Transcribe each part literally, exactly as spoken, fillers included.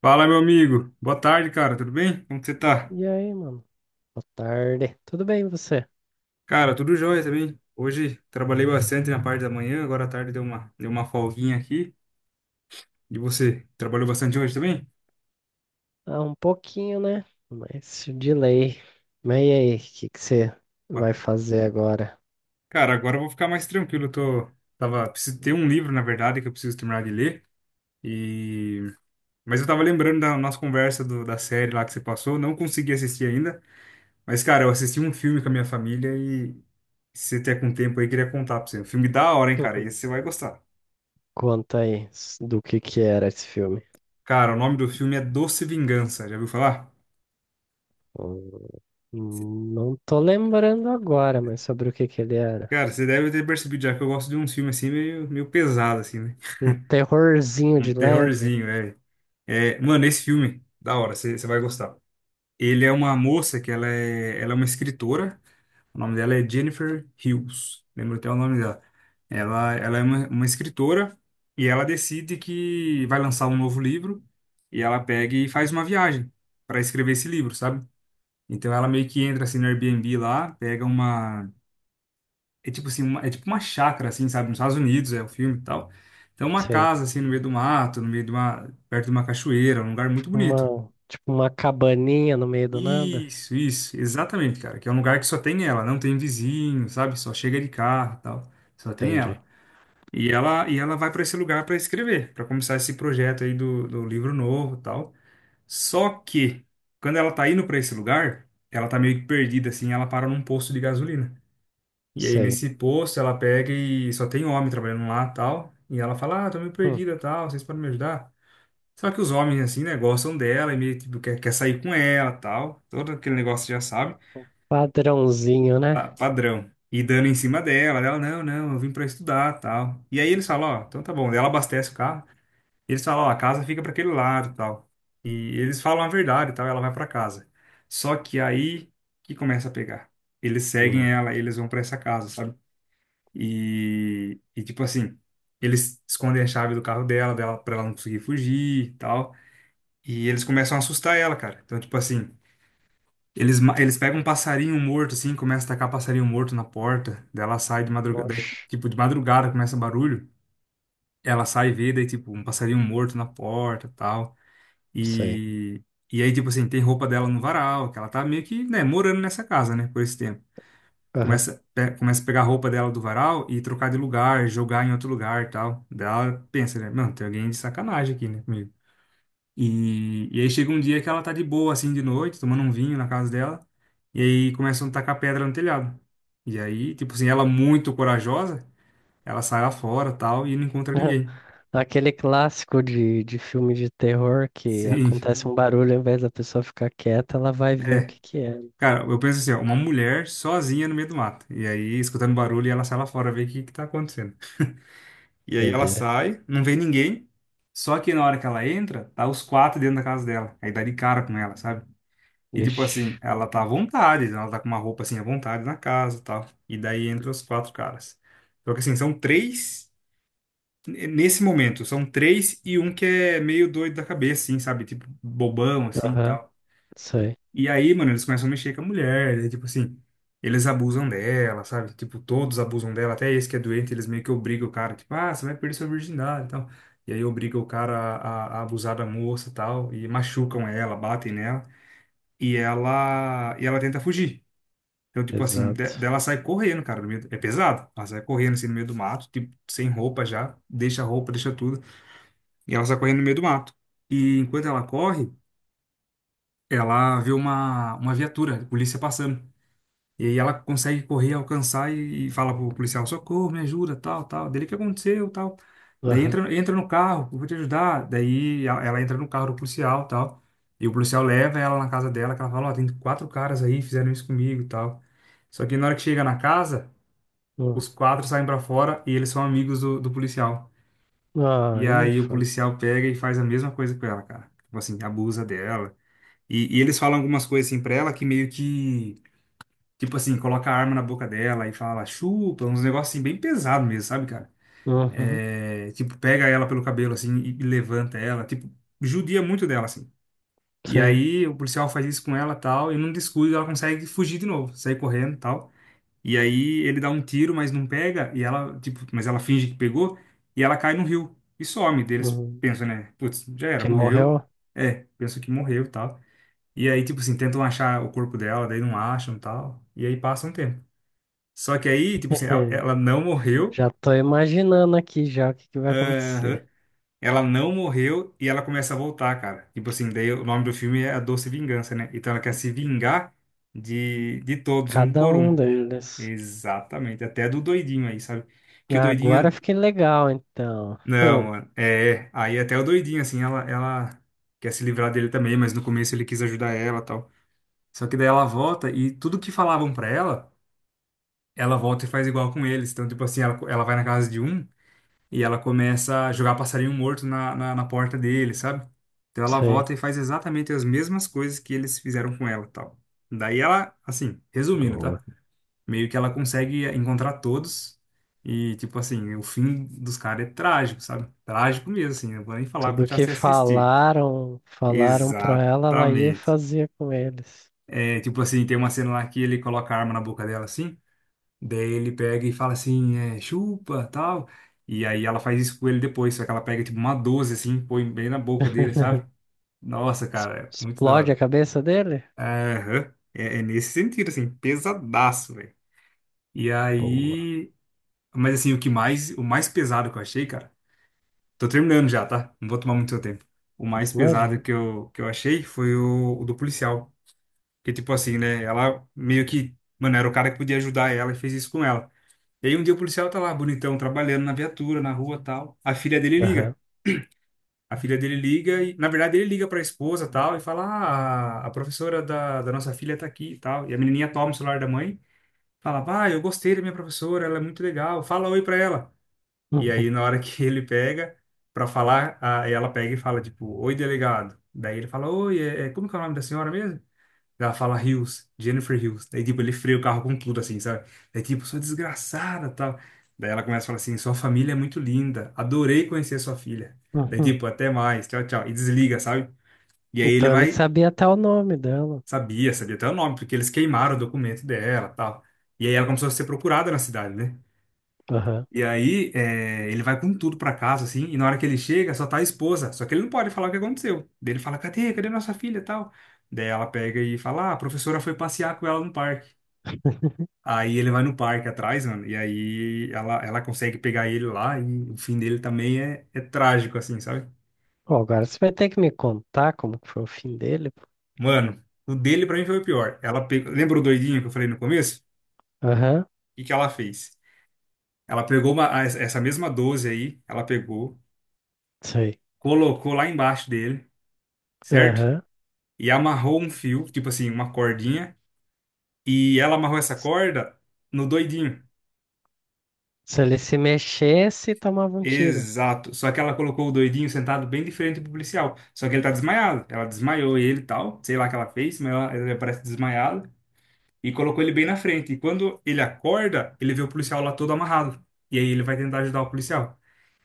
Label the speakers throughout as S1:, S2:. S1: Fala, meu amigo. Boa tarde, cara. Tudo bem? Como que você tá?
S2: E aí, mano? Boa tarde. Tudo bem, e você?
S1: Cara, tudo jóia também. Hoje trabalhei bastante na parte da manhã, agora à tarde deu uma, deu uma folguinha aqui. E você, trabalhou bastante hoje também?
S2: Ah, um pouquinho, né? Mas de lei. Mas e aí, o que que você
S1: Opa.
S2: vai fazer agora?
S1: Cara, agora eu vou ficar mais tranquilo. Eu tô, tava, preciso ter um livro, na verdade, que eu preciso terminar de ler. E... Mas eu tava lembrando da nossa conversa do- da série lá que você passou. Não consegui assistir ainda. Mas, cara, eu assisti um filme com a minha família e se você tiver com tempo aí, eu queria contar pra você. Um filme da hora, hein, cara. Esse você vai gostar.
S2: Conta aí s- do que que era esse filme.
S1: Cara, o nome do filme é Doce Vingança, já ouviu falar?
S2: Hum, Não tô lembrando agora, mas sobre o que que ele era.
S1: Cara, você deve ter percebido já que eu gosto de uns filmes assim meio, meio pesado, assim, né?
S2: Um terrorzinho
S1: Um
S2: de leve?
S1: terrorzinho, é. É, mano, esse filme, da hora, você você vai gostar. Ele é uma moça que ela é, ela é uma escritora, o nome dela é Jennifer Hills, lembro até o nome dela. Ela, ela é uma, uma escritora e ela decide que vai lançar um novo livro e ela pega e faz uma viagem para escrever esse livro, sabe? Então ela meio que entra assim no Airbnb lá, pega uma é tipo assim, uma- é tipo uma chácara, assim, sabe? Nos Estados Unidos é o filme e tal. Então, uma
S2: Sei.
S1: casa, assim, no meio do mato, no meio de uma, perto de uma cachoeira, um lugar muito
S2: Tipo
S1: bonito.
S2: uma, tipo uma cabaninha no meio do nada?
S1: Isso, isso, exatamente, cara. Que é um lugar que só tem ela, não tem vizinho, sabe? Só chega de carro e tal. Só tem
S2: Entendi.
S1: ela. E ela, e ela vai para esse lugar para escrever, para começar esse projeto aí do, do livro novo e tal. Só que, quando ela tá indo para esse lugar, ela tá meio que perdida, assim, ela para num posto de gasolina. E aí
S2: Sei.
S1: nesse posto ela pega e só tem homem trabalhando lá, tal. E ela fala, ah, tô meio
S2: Hum,
S1: perdida, tal, vocês podem me ajudar? Só que os homens, assim, né, gostam dela e meio, tipo, quer, quer sair com ela, tal. Todo aquele negócio já sabe,
S2: Padrãozinho, né?
S1: pa- padrão. E dando em cima dela, ela, não, não, eu vim pra estudar, tal. E aí eles falam, ó, então tá bom. Daí ela abastece o carro. E eles falam, ó, a casa fica pra aquele lado, tal. E eles falam a verdade, tal, ela vai pra casa. Só que aí que começa a pegar. Eles seguem
S2: Hum.
S1: ela, eles vão pra essa casa, sabe? E, e tipo assim, eles escondem a chave do carro dela, dela para ela não conseguir fugir e tal. E eles começam a assustar ela, cara. Então, tipo assim, eles, ma- eles pegam um passarinho morto, assim, começa a tacar passarinho morto na porta. Daí ela sai de madrugada, daí,
S2: Oxe.
S1: tipo, de madrugada começa barulho. Ela sai e vê, daí, tipo, um passarinho morto na porta e tal.
S2: Sei.
S1: E, e aí, tipo assim, tem roupa dela no varal, que ela tá meio que, né, morando nessa casa, né, por esse tempo. Começa, pe- começa a pegar a roupa dela do varal e trocar de lugar, jogar em outro lugar e tal. Daí ela pensa, né? Mano, tem alguém de sacanagem aqui, né, comigo. E, e aí chega um dia que ela tá de boa, assim, de noite, tomando um vinho na casa dela. E aí começam a tacar pedra no telhado. E aí, tipo assim, ela muito corajosa, ela sai lá fora tal e não encontra ninguém.
S2: Aquele clássico de, de filme de terror que
S1: Sim,
S2: acontece um barulho, ao invés da pessoa ficar quieta, ela vai ver o
S1: é.
S2: que que é.
S1: Cara, eu penso assim, ó, uma mulher sozinha no meio do mato. E aí, escutando barulho, ela sai lá fora ver o que que tá acontecendo. E aí ela
S2: Doideira.
S1: sai, não vê ninguém. Só que na hora que ela entra, tá os quatro dentro da casa dela. Aí dá de cara com ela, sabe? E tipo assim,
S2: Vixe.
S1: ela tá à vontade, né? Ela tá com uma roupa assim à vontade na casa e tal. E daí entra os quatro caras. Só que assim, são três. n- Nesse momento, são três e um que é meio doido da cabeça, assim, sabe? Tipo, bobão, assim e
S2: Aham.
S1: tal.
S2: Sei.
S1: E aí, mano, eles começam a mexer com a mulher, daí, tipo assim, eles abusam dela, sabe? Tipo, todos abusam dela, até esse que é doente, eles meio que obrigam o cara, tipo, ah, você vai perder sua virgindade e tal. E aí obriga o cara a, a- a abusar da moça e tal, e machucam ela, batem nela, e ela, e ela tenta fugir. Então, tipo assim, de-
S2: Pesado.
S1: dela sai correndo, cara, no meio do- é pesado. Ela sai correndo assim no meio do mato, tipo, sem roupa já, deixa a roupa, deixa tudo, e ela sai correndo no meio do mato. E enquanto ela corre, ela vê uma, uma viatura, polícia passando. E aí ela consegue correr, alcançar e, e fala pro policial, socorro, me ajuda, tal, tal. Dele, o que aconteceu, tal. Daí
S2: Aham.
S1: entra, entra no carro, eu vou te ajudar. Daí a- ela entra no carro do policial, tal. E o policial leva ela na casa dela, que ela fala, ó, tem quatro caras aí, fizeram isso comigo e tal. Só que na hora que chega na casa,
S2: Hum.
S1: os quatro saem pra fora e eles são amigos do, do policial.
S2: Ah,
S1: E
S2: aí é
S1: aí o
S2: foda.
S1: policial pega e faz a mesma coisa com ela, cara. Tipo assim, abusa dela. E, e eles falam algumas coisas assim pra ela que meio que tipo assim, coloca a arma na boca dela e fala, chupa, uns negócios assim bem pesado mesmo, sabe, cara?
S2: Uhum.
S1: É, tipo, pega ela pelo cabelo assim e, e levanta ela, tipo, judia muito dela, assim. E
S2: Sim.
S1: aí o policial faz isso com ela tal, e num descuido ela consegue fugir de novo, sair correndo tal. E aí ele dá um tiro, mas não pega, e ela, tipo, mas ela finge que pegou, e ela cai no rio e some. Daí eles
S2: Uhum.
S1: pensam, né? Putz, já era,
S2: Que
S1: morreu.
S2: morreu?
S1: É, pensam que morreu tal. E aí, tipo assim, tentam achar o corpo dela, daí não acham tal. E aí passa um tempo. Só que aí, tipo assim, ela, ela não morreu.
S2: Já tô imaginando aqui já o que que vai
S1: Aham.
S2: acontecer.
S1: Ela não morreu e ela começa a voltar, cara. Tipo assim, daí o nome do filme é A Doce Vingança, né? Então ela quer se vingar de, de todos, um
S2: Cada
S1: por
S2: um
S1: um.
S2: deles.
S1: Exatamente. Até do doidinho aí, sabe? Que o
S2: Ah, agora
S1: doidinho.
S2: fiquei legal, então.
S1: Não,
S2: Hum.
S1: mano. É, aí até o doidinho, assim, ela, ela quer se livrar dele também, mas no começo ele quis ajudar ela e tal. Só que daí ela volta e tudo que falavam pra ela, ela volta e faz igual com eles. Então, tipo assim, ela, ela vai na casa de um. E ela começa a jogar passarinho morto na, na, na porta dele, sabe? Então ela
S2: Sei.
S1: volta e faz exatamente as mesmas coisas que eles fizeram com ela, e tal. Daí ela, assim, resumindo, tá?
S2: Boa.
S1: Meio que ela consegue encontrar todos e, tipo assim, o fim dos caras é trágico, sabe? Trágico mesmo, assim, não vou nem falar, vou
S2: Tudo
S1: te
S2: que
S1: assistir.
S2: falaram, falaram pra ela, ela ia e
S1: Exatamente.
S2: fazia com eles.
S1: É, tipo assim, tem uma cena lá que ele coloca a arma na boca dela, assim. Daí ele pega e fala assim, é, chupa, tal. E aí ela faz isso com ele depois, só que ela pega tipo uma doze assim, põe bem na boca dele, sabe? Nossa,
S2: Es-
S1: cara, é muito da
S2: Explode a
S1: hora.
S2: cabeça dele?
S1: Aham. É, é nesse sentido, assim, pesadaço, velho. E
S2: Boa,
S1: aí. Mas assim, o que mais, o mais pesado que eu achei, cara. Tô terminando já, tá? Não vou tomar muito seu tempo. O mais pesado
S2: imagina.
S1: que eu, que eu achei foi o, o do policial. Que tipo assim, né? Ela meio que. Mano, era o cara que podia ajudar ela e fez isso com ela. E aí um dia o policial tá lá, bonitão, trabalhando na viatura, na rua, tal. A filha dele
S2: Aham.
S1: liga. A filha dele liga e, na verdade, ele liga pra esposa, tal, e fala: "Ah, a professora da, da nossa filha tá aqui", e tal. E a menininha toma o celular da mãe, fala: "Pai, eu gostei da minha professora, ela é muito legal. Fala oi pra ela". E aí
S2: Uhum,
S1: na hora que ele pega pra falar, a, ela pega e fala tipo: "Oi, delegado". Daí ele fala: "Oi, é, é- como que é o nome da senhora mesmo?" Ela fala Hills, Jennifer Hills. Daí, tipo, ele freia o carro com tudo, assim, sabe? Daí, tipo, sou desgraçada, tal. Daí ela começa a falar assim, sua família é muito linda. Adorei conhecer sua filha. Daí,
S2: uhum.
S1: tipo, até mais, tchau, tchau. E desliga, sabe? E aí ele
S2: Então ele
S1: vai,
S2: sabia até o nome dela.
S1: sabia, sabia até o nome, porque eles queimaram o documento dela, tal. E aí ela começou a ser procurada na cidade, né?
S2: Aham.
S1: E aí é, ele vai com tudo pra casa, assim, e na hora que ele chega, só tá a esposa. Só que ele não pode falar o que aconteceu. Daí ele fala, cadê? Cadê nossa filha, tal? Daí ela pega e fala, ah, a professora foi passear com ela no parque. Aí ele vai no parque atrás, mano, e aí ela, ela consegue pegar ele lá, e o fim dele também é, é trágico, assim, sabe?
S2: Pô, agora você vai ter que me contar como que foi o fim dele, pô.
S1: Mano, o dele pra mim foi o pior. Ela pegou, lembra o doidinho que eu falei no começo?
S2: Aham,
S1: O que que ela fez? Ela pegou uma, a- essa mesma doze aí, ela pegou,
S2: sei.
S1: colocou lá embaixo dele, certo?
S2: Aham.
S1: E amarrou um fio, tipo assim, uma cordinha, e ela amarrou essa
S2: S-
S1: corda no doidinho.
S2: Se ele se mexesse, tomava um tiro.
S1: Exato. Só que ela colocou o doidinho sentado bem diferente do policial. Só que ele tá desmaiado. Ela desmaiou ele e tal. Sei lá o que ela fez, mas ela, ela parece desmaiada. E colocou ele bem na frente. E quando ele acorda, ele vê o policial lá todo amarrado. E aí ele vai tentar ajudar o policial.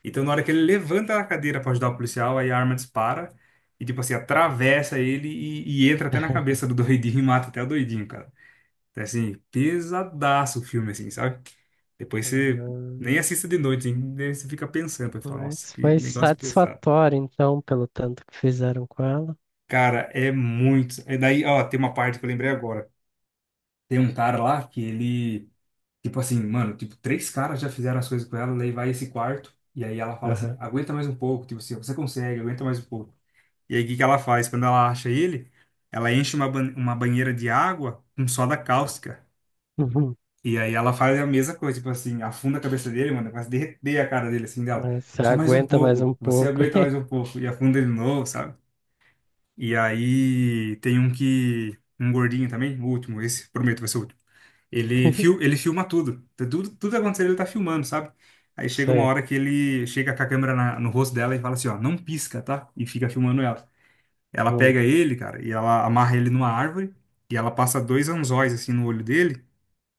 S1: Então, na hora que ele levanta a cadeira pra ajudar o policial, aí a arma dispara. E, tipo assim, atravessa ele e, e entra até na cabeça do doidinho e mata até o doidinho, cara. É, assim, pesadaço o filme, assim, sabe? Depois você nem
S2: Ah,
S1: assista de noite, hein? Daí você fica pensando, vai falar, nossa,
S2: mas
S1: que
S2: foi
S1: negócio pesado.
S2: satisfatório, então, pelo tanto que fizeram com ela.
S1: Cara, é muito. É daí, ó, tem uma parte que eu lembrei agora. Tem um cara lá que ele, tipo assim, mano, tipo, três caras já fizeram as coisas com ela, daí vai esse quarto, e aí ela fala assim,
S2: Aham.
S1: aguenta mais um pouco, tipo assim, você consegue, aguenta mais um pouco. E aí o que que ela faz? Quando ela acha ele, ela enche uma, ban- uma banheira de água com soda cáustica.
S2: Uhum.
S1: E aí ela faz a mesma coisa, tipo assim, afunda a cabeça dele, mano, quase derreter a cara dele, assim, dela.
S2: É, você
S1: Só mais um
S2: aguenta mais um
S1: pouco, você
S2: pouco.
S1: aguenta mais um pouco. E afunda de novo, sabe? E aí tem um que, um gordinho também, o último, esse, prometo, vai ser o último. Ele, fil, ele filma tudo. Tá tudo, tudo acontecendo, ele tá filmando, sabe? Aí chega uma
S2: Sei.
S1: hora que ele chega com a câmera na- no rosto dela e fala assim, ó, não pisca, tá? E fica filmando ela. Ela
S2: Hum.
S1: pega ele, cara, e ela amarra ele numa árvore, e ela passa dois anzóis, assim, no olho dele,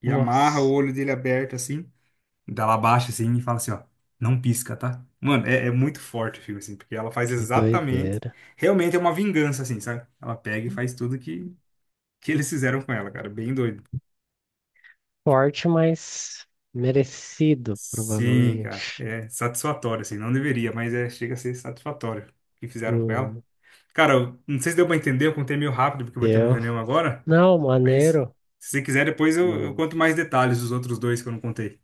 S1: e amarra o
S2: Nossa,
S1: olho dele aberto, assim, dela abaixa assim e fala assim, ó, não pisca, tá? Mano, é, é muito forte o filme, assim, porque ela faz
S2: que
S1: exatamente.
S2: doideira.
S1: Realmente é uma vingança, assim, sabe? Ela pega e faz tudo que, que eles fizeram com ela, cara. Bem doido.
S2: Forte, mas merecido,
S1: Sim, cara.
S2: provavelmente.
S1: É satisfatório, assim. Não deveria, mas é, chega a ser satisfatório o que fizeram com ela.
S2: Hum.
S1: Cara, eu não sei se deu pra entender, eu contei meio rápido, porque eu vou ter uma
S2: Deu.
S1: reunião agora.
S2: Não,
S1: Mas
S2: maneiro.
S1: se você quiser, depois eu, eu
S2: Não.
S1: conto mais detalhes dos outros dois que eu não contei.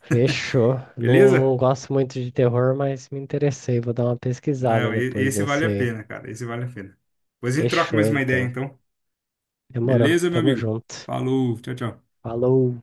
S2: Fechou. Não,
S1: Beleza?
S2: não gosto muito de terror, mas me interessei. Vou dar uma pesquisada
S1: Não, e-
S2: depois
S1: esse vale
S2: nesse
S1: a
S2: aí.
S1: pena, cara. Esse vale a pena. Depois a gente troca
S2: Fechou,
S1: mais uma ideia,
S2: então.
S1: então.
S2: Demorou.
S1: Beleza, meu
S2: Tamo
S1: amigo?
S2: junto.
S1: Falou, tchau, tchau.
S2: Falou.